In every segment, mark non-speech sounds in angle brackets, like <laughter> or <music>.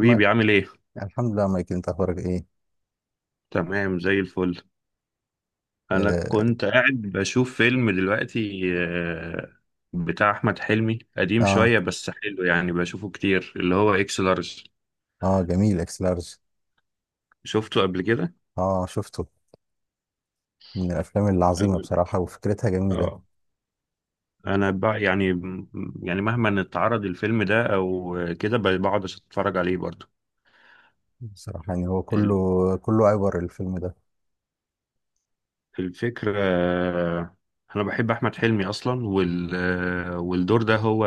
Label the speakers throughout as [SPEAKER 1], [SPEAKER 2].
[SPEAKER 1] ما
[SPEAKER 2] عامل ايه؟
[SPEAKER 1] الحمد لله مايك، انت اخبارك ايه؟
[SPEAKER 2] تمام زي الفل. انا
[SPEAKER 1] اه
[SPEAKER 2] كنت قاعد بشوف فيلم دلوقتي، بتاع احمد حلمي، قديم
[SPEAKER 1] اه،
[SPEAKER 2] شوية بس حلو يعني، بشوفه كتير، اللي هو اكس لارج.
[SPEAKER 1] آه جميل اكس لارج.
[SPEAKER 2] شفته قبل كده؟
[SPEAKER 1] اه شفته. من الافلام العظيمه
[SPEAKER 2] أول.
[SPEAKER 1] بصراحه، وفكرتها جميله
[SPEAKER 2] اه، انا بقى يعني، يعني مهما اتعرض الفيلم ده او كده، بقعد اتفرج عليه برضو.
[SPEAKER 1] بصراحه. يعني هو
[SPEAKER 2] ال-
[SPEAKER 1] كله عبر الفيلم ده.
[SPEAKER 2] الفكرة. انا بحب احمد حلمي اصلا، والدور ده هو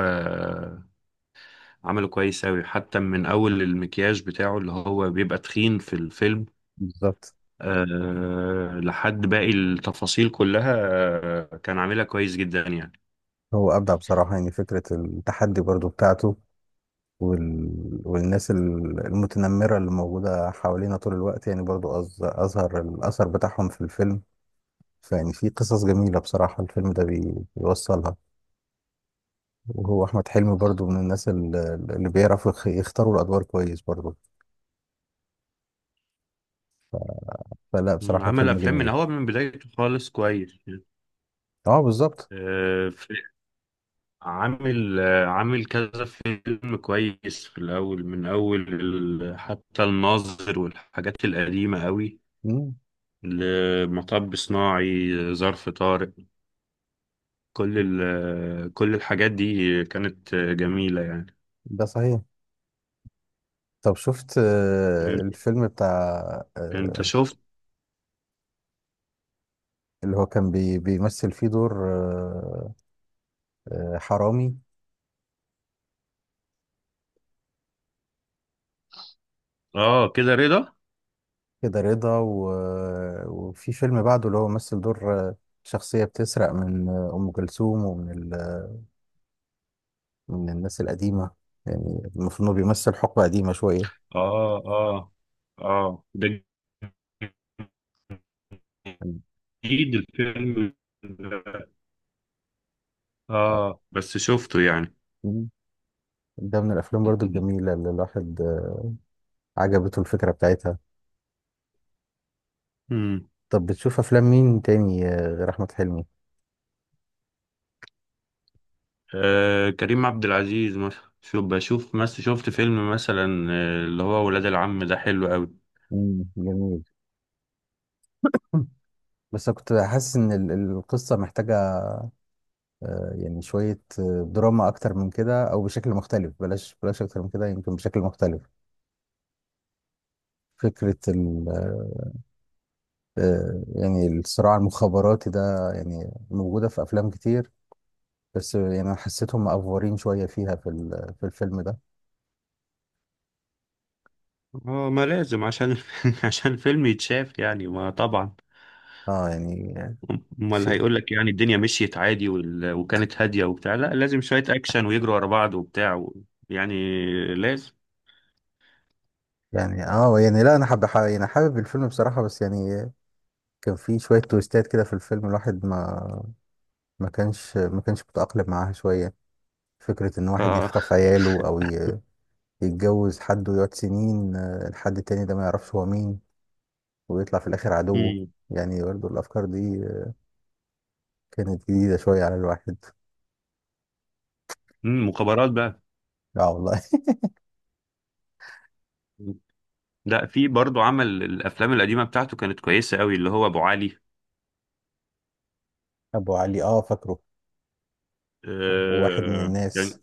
[SPEAKER 2] عمله كويس أوي، حتى من أول المكياج بتاعه اللي هو بيبقى تخين في الفيلم،
[SPEAKER 1] بالظبط.
[SPEAKER 2] أه، لحد باقي التفاصيل كلها. كان عاملها كويس جدا يعني.
[SPEAKER 1] هو ابدع بصراحه، يعني فكره التحدي برضو بتاعته. وال... والناس المتنمره اللي موجوده حوالينا طول الوقت، يعني برضو اظهر الاثر بتاعهم في الفيلم. فيعني في قصص جميله بصراحه الفيلم ده بيوصلها. وهو احمد حلمي برضو من الناس اللي بيعرفوا يختاروا الادوار كويس برضو. فلا
[SPEAKER 2] مم،
[SPEAKER 1] بصراحه
[SPEAKER 2] عمل
[SPEAKER 1] فيلم
[SPEAKER 2] أفلام من
[SPEAKER 1] جميل.
[SPEAKER 2] هو من بدايته خالص كويس.
[SPEAKER 1] اه بالظبط.
[SPEAKER 2] أه في- عامل عامل كذا فيلم كويس في الأول، من أول حتى الناظر والحاجات القديمة أوي،
[SPEAKER 1] مم،
[SPEAKER 2] لمطب صناعي، ظرف طارق، كل الحاجات دي كانت جميلة يعني.
[SPEAKER 1] ده صحيح. طب شفت
[SPEAKER 2] انت
[SPEAKER 1] الفيلم بتاع
[SPEAKER 2] انت
[SPEAKER 1] آه،
[SPEAKER 2] شفت.
[SPEAKER 1] اللي هو كان بيمثل فيه دور حرامي.
[SPEAKER 2] اه كده رضا.
[SPEAKER 1] كده رضا، وفي فيلم بعده اللي هو مثل دور شخصية بتسرق من أم كلثوم ومن من الناس القديمة. يعني المفروض إنه بيمثل حقبة قديمة شوية.
[SPEAKER 2] اه، اه، اه ده جديد الفيلم ده. اه بس شفته يعني.
[SPEAKER 1] آه. ده من الافلام برضو الجميله اللي الواحد عجبته الفكره بتاعتها.
[SPEAKER 2] امم.
[SPEAKER 1] طب بتشوف افلام مين تاني غير احمد حلمي؟
[SPEAKER 2] آه، كريم عبد العزيز مثلا، شوف، بشوف مثلا، شفت فيلم مثلا، اللي هو ولاد العم ده، حلو قوي.
[SPEAKER 1] جميل. <laughs> بس أنا كنت حاسس ان القصه محتاجه يعني شويه دراما اكتر من كده او بشكل مختلف، بلاش اكتر من كده يمكن بشكل مختلف. فكره ال آه، يعني الصراع المخابراتي ده يعني موجوده في افلام كتير، بس يعني انا حسيتهم مأفورين شويه فيها في في الفيلم ده.
[SPEAKER 2] اه، ما لازم، عشان <laughs> عشان فيلم يتشاف يعني، ما طبعا.
[SPEAKER 1] اه يعني.
[SPEAKER 2] امال
[SPEAKER 1] في.
[SPEAKER 2] هيقول لك يعني الدنيا مشيت عادي وكانت هاديه وبتاع، لا، لازم شويه اكشن ويجروا ورا بعض وبتاع و... يعني لازم.
[SPEAKER 1] يعني اه يعني لا، انا يعني حابب الفيلم بصراحة، بس يعني كان في شوية تويستات كده في الفيلم، الواحد ما ما كانش متأقلم معاها شوية. فكرة ان
[SPEAKER 2] ف...
[SPEAKER 1] واحد يخطف
[SPEAKER 2] <laughs>
[SPEAKER 1] عياله او يتجوز حد ويقعد سنين الحد التاني ده ما يعرفش هو مين، ويطلع في الاخر عدوه.
[SPEAKER 2] مم.
[SPEAKER 1] يعني برضه الافكار دي كانت جديدة شوية على الواحد.
[SPEAKER 2] مم، مخابرات بقى.
[SPEAKER 1] اه والله.
[SPEAKER 2] لا، في برضو، عمل الافلام القديمه بتاعته كانت كويسه قوي، اللي هو ابو علي.
[SPEAKER 1] <laughs> ابو علي، اه فاكره. وواحد من
[SPEAKER 2] آه...
[SPEAKER 1] الناس.
[SPEAKER 2] كان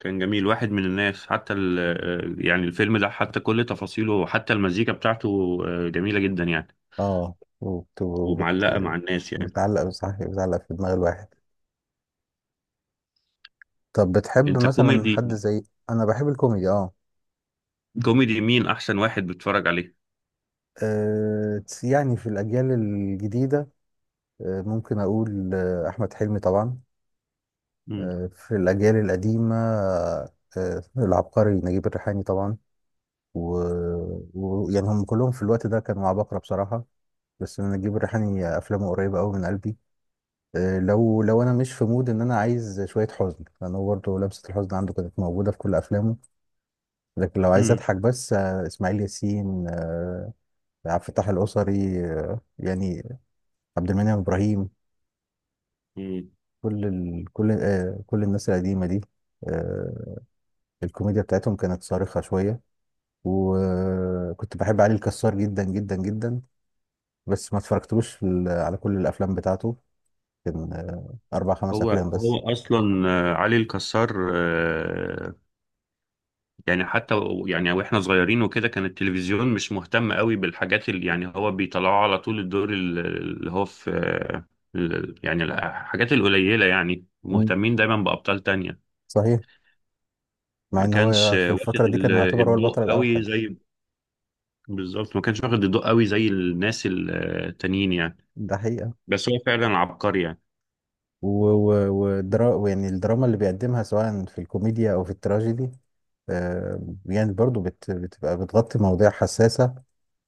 [SPEAKER 2] كان جميل، واحد من الناس، حتى ال... آه، يعني الفيلم ده حتى كل تفاصيله، وحتى المزيكا بتاعته جميله جدا يعني،
[SPEAKER 1] اه
[SPEAKER 2] ومعلقه مع الناس يعني.
[SPEAKER 1] بتعلق، صح، بتعلق في دماغ الواحد. طب بتحب
[SPEAKER 2] انت
[SPEAKER 1] مثلا حد
[SPEAKER 2] كوميدي.
[SPEAKER 1] زي. انا بحب الكوميدي، اه.
[SPEAKER 2] كوميدي مين احسن واحد بتتفرج عليه؟
[SPEAKER 1] يعني في الاجيال الجديده ممكن اقول احمد حلمي طبعا.
[SPEAKER 2] مم.
[SPEAKER 1] في الاجيال القديمه العبقري نجيب الريحاني طبعا. يعني هم كلهم في الوقت ده كانوا عباقرة بصراحه. بس أنا نجيب الريحاني افلامه قريبه قوي من قلبي. لو انا مش في مود ان انا عايز شويه حزن، لان هو برضه لمسه الحزن عنده كانت موجوده في كل افلامه. لكن لو عايز
[SPEAKER 2] مم.
[SPEAKER 1] اضحك بس، اسماعيل ياسين، عبد الفتاح الأسري، يعني عبد المنعم إبراهيم.
[SPEAKER 2] مم.
[SPEAKER 1] كل كل الناس القديمة دي، آه، الكوميديا بتاعتهم كانت صارخة شوية. وكنت بحب علي الكسار جدا جدا جدا، بس ما اتفرجتلوش في على كل الأفلام بتاعته. كان أربع خمس
[SPEAKER 2] هو
[SPEAKER 1] أفلام بس.
[SPEAKER 2] هو اصلا علي الكسار، يعني حتى يعني واحنا صغيرين وكده، كان التلفزيون مش مهتم قوي بالحاجات اللي يعني هو بيطلعوا على طول، الدور اللي هو في، يعني الحاجات القليلة، يعني
[SPEAKER 1] مم.
[SPEAKER 2] مهتمين دايما بأبطال تانية.
[SPEAKER 1] صحيح. مع
[SPEAKER 2] ما
[SPEAKER 1] إن
[SPEAKER 2] كانش
[SPEAKER 1] هو في الفترة
[SPEAKER 2] واخد
[SPEAKER 1] دي كان يعتبر هو البطل
[SPEAKER 2] الضوء قوي
[SPEAKER 1] الأوحد.
[SPEAKER 2] زي، بالظبط، ما كانش واخد الضوء قوي زي الناس التانيين يعني.
[SPEAKER 1] ده حقيقة.
[SPEAKER 2] بس هو فعلا عبقري يعني.
[SPEAKER 1] يعني الدراما اللي بيقدمها سواء في الكوميديا أو في التراجيدي آه، يعني برضو بتبقى بتغطي مواضيع حساسة،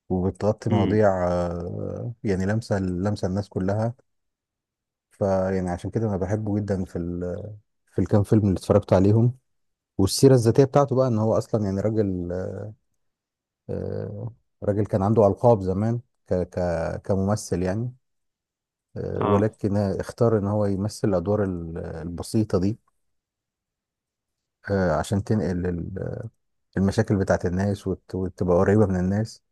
[SPEAKER 1] وبتغطي
[SPEAKER 2] امم.
[SPEAKER 1] مواضيع يعني لمسة لمسة الناس كلها. فيعني عشان كده أنا بحبه جدا، في في الكام فيلم اللي اتفرجت عليهم. والسيرة الذاتية بتاعته بقى إن هو أصلا يعني راجل، آه، راجل كان عنده ألقاب زمان، ك ك كممثل يعني.
[SPEAKER 2] اه.
[SPEAKER 1] ولكن اختار إن هو يمثل الأدوار البسيطة دي عشان تنقل المشاكل بتاعت الناس، وتبقى قريبة من الناس.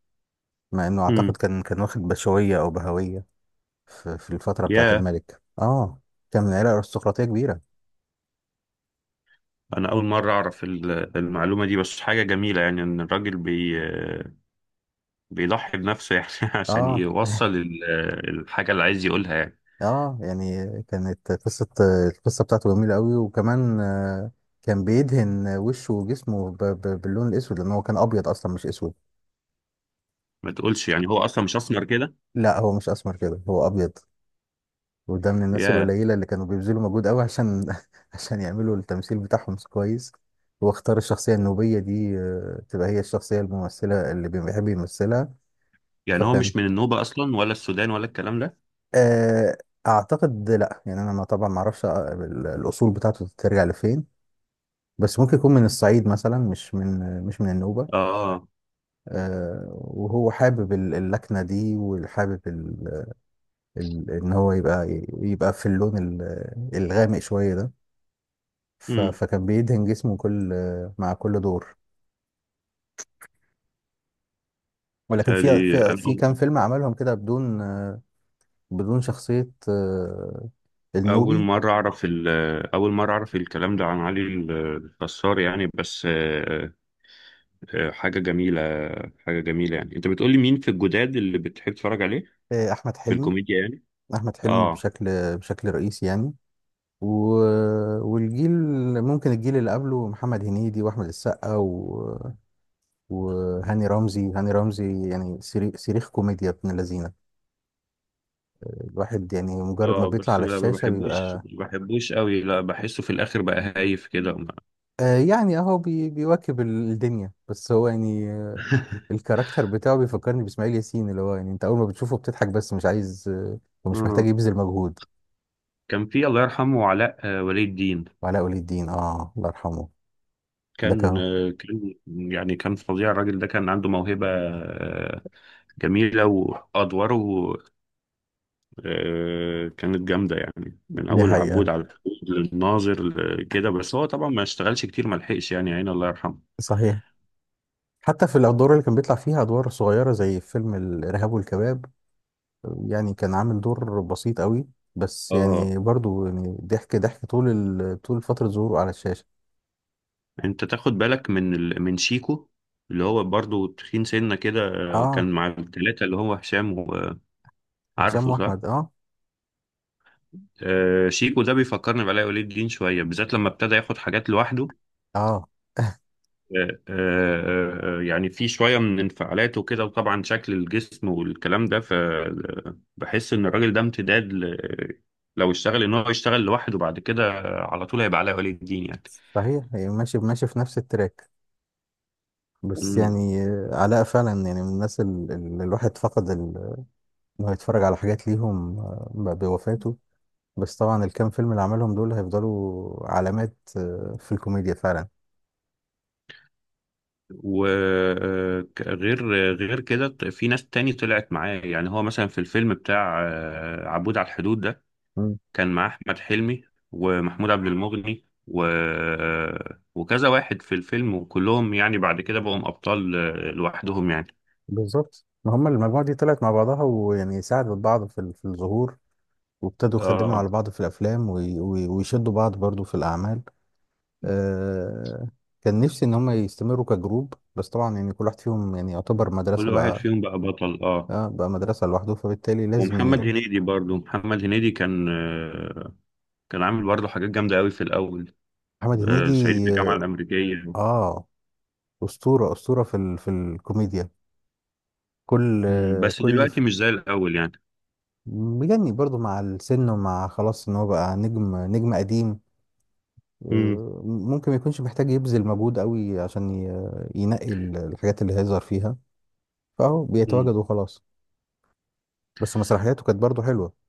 [SPEAKER 1] مع انه اعتقد
[SPEAKER 2] امم.
[SPEAKER 1] كان واخد بشوية او بهوية في, الفترة بتاعت الملك، اه، كان من عيلة ارستقراطية كبيرة.
[SPEAKER 2] انا اول مره اعرف المعلومه دي، بس حاجه جميله يعني، ان الراجل بيضحي بنفسه يعني <laughs> عشان
[SPEAKER 1] اه
[SPEAKER 2] يوصل الحاجه اللي عايز يقولها يعني.
[SPEAKER 1] اه. يعني كانت قصة القصة بتاعته جميلة قوي. وكمان كان بيدهن وشه وجسمه باللون الاسود، لان هو كان ابيض اصلا مش اسود.
[SPEAKER 2] ما تقولش يعني هو اصلا مش اسمر كده!
[SPEAKER 1] لا هو مش اسمر كده، هو ابيض. وده من الناس
[SPEAKER 2] يا.
[SPEAKER 1] القليلة اللي كانوا بيبذلوا مجهود قوي عشان <laughs> عشان يعملوا التمثيل بتاعهم كويس. واختار الشخصية النوبية دي تبقى هي الشخصية الممثلة اللي بيحب يمثلها.
[SPEAKER 2] يعني هو
[SPEAKER 1] فكان
[SPEAKER 2] مش من النوبه اصلا، ولا السودان ولا الكلام ده؟
[SPEAKER 1] آه، اعتقد لا، يعني انا ما طبعا ما اعرفش الاصول بتاعته ترجع لفين، بس ممكن يكون من الصعيد مثلا، مش من النوبة.
[SPEAKER 2] اه.
[SPEAKER 1] وهو حابب اللكنة دي، وحابب ان هو يبقى في اللون الغامق شوية ده.
[SPEAKER 2] امم.
[SPEAKER 1] فكان بيدهن جسمه كل مع كل دور، ولكن
[SPEAKER 2] تالي. انا
[SPEAKER 1] في
[SPEAKER 2] أول.
[SPEAKER 1] كام فيلم عملهم كده بدون بدون شخصية
[SPEAKER 2] أول
[SPEAKER 1] النوبي.
[SPEAKER 2] مرة أعرف أول مرة أعرف الكلام ده عن علي الكسار يعني، بس حاجة جميلة، حاجة جميلة يعني. أنت بتقولي مين في الجداد اللي بتحب تتفرج عليه
[SPEAKER 1] احمد
[SPEAKER 2] في
[SPEAKER 1] حلمي.
[SPEAKER 2] الكوميديا يعني؟
[SPEAKER 1] احمد حلمي
[SPEAKER 2] اه.
[SPEAKER 1] بشكل رئيسي يعني. و... والجيل، ممكن الجيل اللي قبله، محمد هنيدي واحمد السقا وهاني رمزي. هاني رمزي يعني صريخ صريخ كوميديا ابن اللذينه. الواحد يعني مجرد ما
[SPEAKER 2] اه
[SPEAKER 1] بيطلع
[SPEAKER 2] بس
[SPEAKER 1] على
[SPEAKER 2] ما
[SPEAKER 1] الشاشه
[SPEAKER 2] بحبوش،
[SPEAKER 1] بيبقى.
[SPEAKER 2] ما بحبوش قوي، لا، بحسه في الاخر بقى هايف كده وما-
[SPEAKER 1] آه يعني اهو بيواكب الدنيا، بس هو يعني
[SPEAKER 2] <laughs>
[SPEAKER 1] الكاركتر بتاعه بيفكرني باسماعيل ياسين، اللي هو يعني انت اول ما بتشوفه بتضحك، بس مش عايز ومش محتاج
[SPEAKER 2] آه.
[SPEAKER 1] يبذل مجهود.
[SPEAKER 2] كان في، الله يرحمه، علاء، ولي الدين،
[SPEAKER 1] وعلاء ولي الدين، اه الله يرحمه. ده
[SPEAKER 2] كان
[SPEAKER 1] كان.
[SPEAKER 2] كان فظيع، الراجل ده كان عنده موهبة جميلة، وأدواره كانت جامدة يعني، من
[SPEAKER 1] دي
[SPEAKER 2] أول العبود
[SPEAKER 1] حقيقه،
[SPEAKER 2] على الحدود، للناظر، كده، بس هو طبعا ما اشتغلش كتير، ما لحقش يعني عين، الله يرحمه.
[SPEAKER 1] صحيح. حتى في الادوار اللي كان بيطلع فيها ادوار صغيره زي فيلم الارهاب والكباب، يعني كان عامل دور بسيط قوي، بس
[SPEAKER 2] اه.
[SPEAKER 1] يعني برضو يعني ضحك ضحك طول فتره ظهوره على الشاشه.
[SPEAKER 2] انت تاخد بالك من من شيكو، اللي هو برضو تخين سنة كده؟
[SPEAKER 1] اه.
[SPEAKER 2] كان مع الثلاثة، اللي هو هشام،
[SPEAKER 1] هشام
[SPEAKER 2] وعارفه صح؟
[SPEAKER 1] واحمد اه.
[SPEAKER 2] شيكو ده بيفكرني بعلاء ولي الدين شوية، بالذات لما ابتدى ياخد حاجات لوحده.
[SPEAKER 1] اه
[SPEAKER 2] يعني في شوية من انفعالاته كده، وطبعا شكل الجسم والكلام ده، فبحس إن الراجل ده امتداد ل... لو اشتغل، إن هو يشتغل لوحده بعد كده، على طول هيبقى علاء ولي الدين يعني.
[SPEAKER 1] صحيح. هي ماشي ماشي في نفس التراك، بس
[SPEAKER 2] مم.
[SPEAKER 1] يعني علاء فعلا يعني من الناس اللي الواحد فقد انه يتفرج على حاجات ليهم بوفاته. بس طبعا الكام فيلم اللي عملهم دول هيفضلوا علامات في الكوميديا فعلا.
[SPEAKER 2] وغير غير كده، في ناس تاني طلعت معاه، يعني هو مثلا في الفيلم بتاع عبود على الحدود ده، كان معاه أحمد حلمي ومحمود عبد المغني و... وكذا واحد في الفيلم، وكلهم يعني بعد كده بقوا أبطال لوحدهم يعني.
[SPEAKER 1] بالظبط، ما هم المجموعة دي طلعت مع بعضها، ويعني ساعدت بعض في في الظهور، وابتدوا يخدموا
[SPEAKER 2] اه،
[SPEAKER 1] على بعض في الأفلام، ويشدوا بعض برضو في الأعمال. آه، كان نفسي إن هم يستمروا كجروب، بس طبعا يعني كل واحد فيهم يعني يعتبر
[SPEAKER 2] كل
[SPEAKER 1] مدرسة
[SPEAKER 2] واحد
[SPEAKER 1] بقى.
[SPEAKER 2] فيهم بقى بطل، اه.
[SPEAKER 1] آه بقى مدرسة لوحده، فبالتالي لازم
[SPEAKER 2] ومحمد هنيدي برضو، محمد هنيدي كان كان عامل برضو حاجات جامدة قوي في الأول،
[SPEAKER 1] محمد
[SPEAKER 2] صعيدي في
[SPEAKER 1] هنيدي.
[SPEAKER 2] الجامعة الأمريكية.
[SPEAKER 1] آه أسطورة أسطورة في في الكوميديا. كل
[SPEAKER 2] مم،
[SPEAKER 1] آه،
[SPEAKER 2] بس
[SPEAKER 1] كل
[SPEAKER 2] دلوقتي
[SPEAKER 1] ف-
[SPEAKER 2] مش زي الأول يعني.
[SPEAKER 1] مجني برضو مع السن، ومع خلاص إن هو بقى نجم نجم قديم. ممكن ما يكونش محتاج يبذل مجهود قوي عشان ينقي الحاجات اللي هيظهر فيها، فهو
[SPEAKER 2] مم.
[SPEAKER 1] بيتواجد وخلاص. بس مسرحياته كانت برضه حلوة،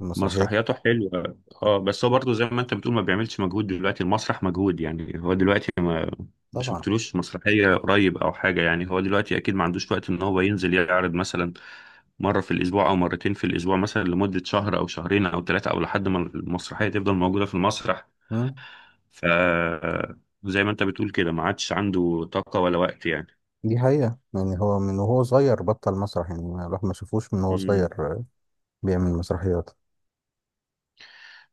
[SPEAKER 1] المسرحيات.
[SPEAKER 2] مسرحياته حلوة. اه بس هو برضه زي ما انت بتقول، ما بيعملش مجهود دلوقتي، المسرح مجهود يعني، هو دلوقتي ما
[SPEAKER 1] طبعا.
[SPEAKER 2] شفتلوش مسرحية قريب او حاجة، يعني هو دلوقتي اكيد ما عندوش وقت ان هو ينزل يعرض مثلا مرة في الاسبوع او مرتين في الاسبوع مثلا، لمدة شهر او شهرين او ثلاثة، او لحد ما المسرحية تفضل موجودة في المسرح.
[SPEAKER 1] مم.
[SPEAKER 2] ف زي ما انت بتقول كده، ما عادش عنده طاقة ولا وقت يعني.
[SPEAKER 1] دي حقيقة، يعني هو من وهو صغير بطل مسرح يعني. الواحد ما شافوش من وهو
[SPEAKER 2] مم.
[SPEAKER 1] صغير بيعمل مسرحيات.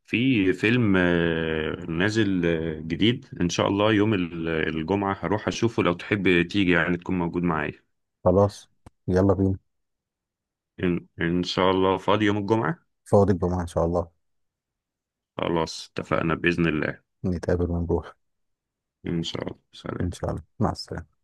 [SPEAKER 2] في فيلم نازل جديد، ان شاء الله يوم الجمعة هروح اشوفه، لو تحب تيجي يعني تكون موجود معايا.
[SPEAKER 1] خلاص، يلا بينا.
[SPEAKER 2] إن شاء الله فاضي يوم الجمعة؟
[SPEAKER 1] فاضي الجمعة إن شاء الله.
[SPEAKER 2] خلاص، اتفقنا بإذن الله.
[SPEAKER 1] نتقابل ونروح.
[SPEAKER 2] ان شاء الله،
[SPEAKER 1] إن
[SPEAKER 2] سلام.
[SPEAKER 1] شاء الله مع السلامة.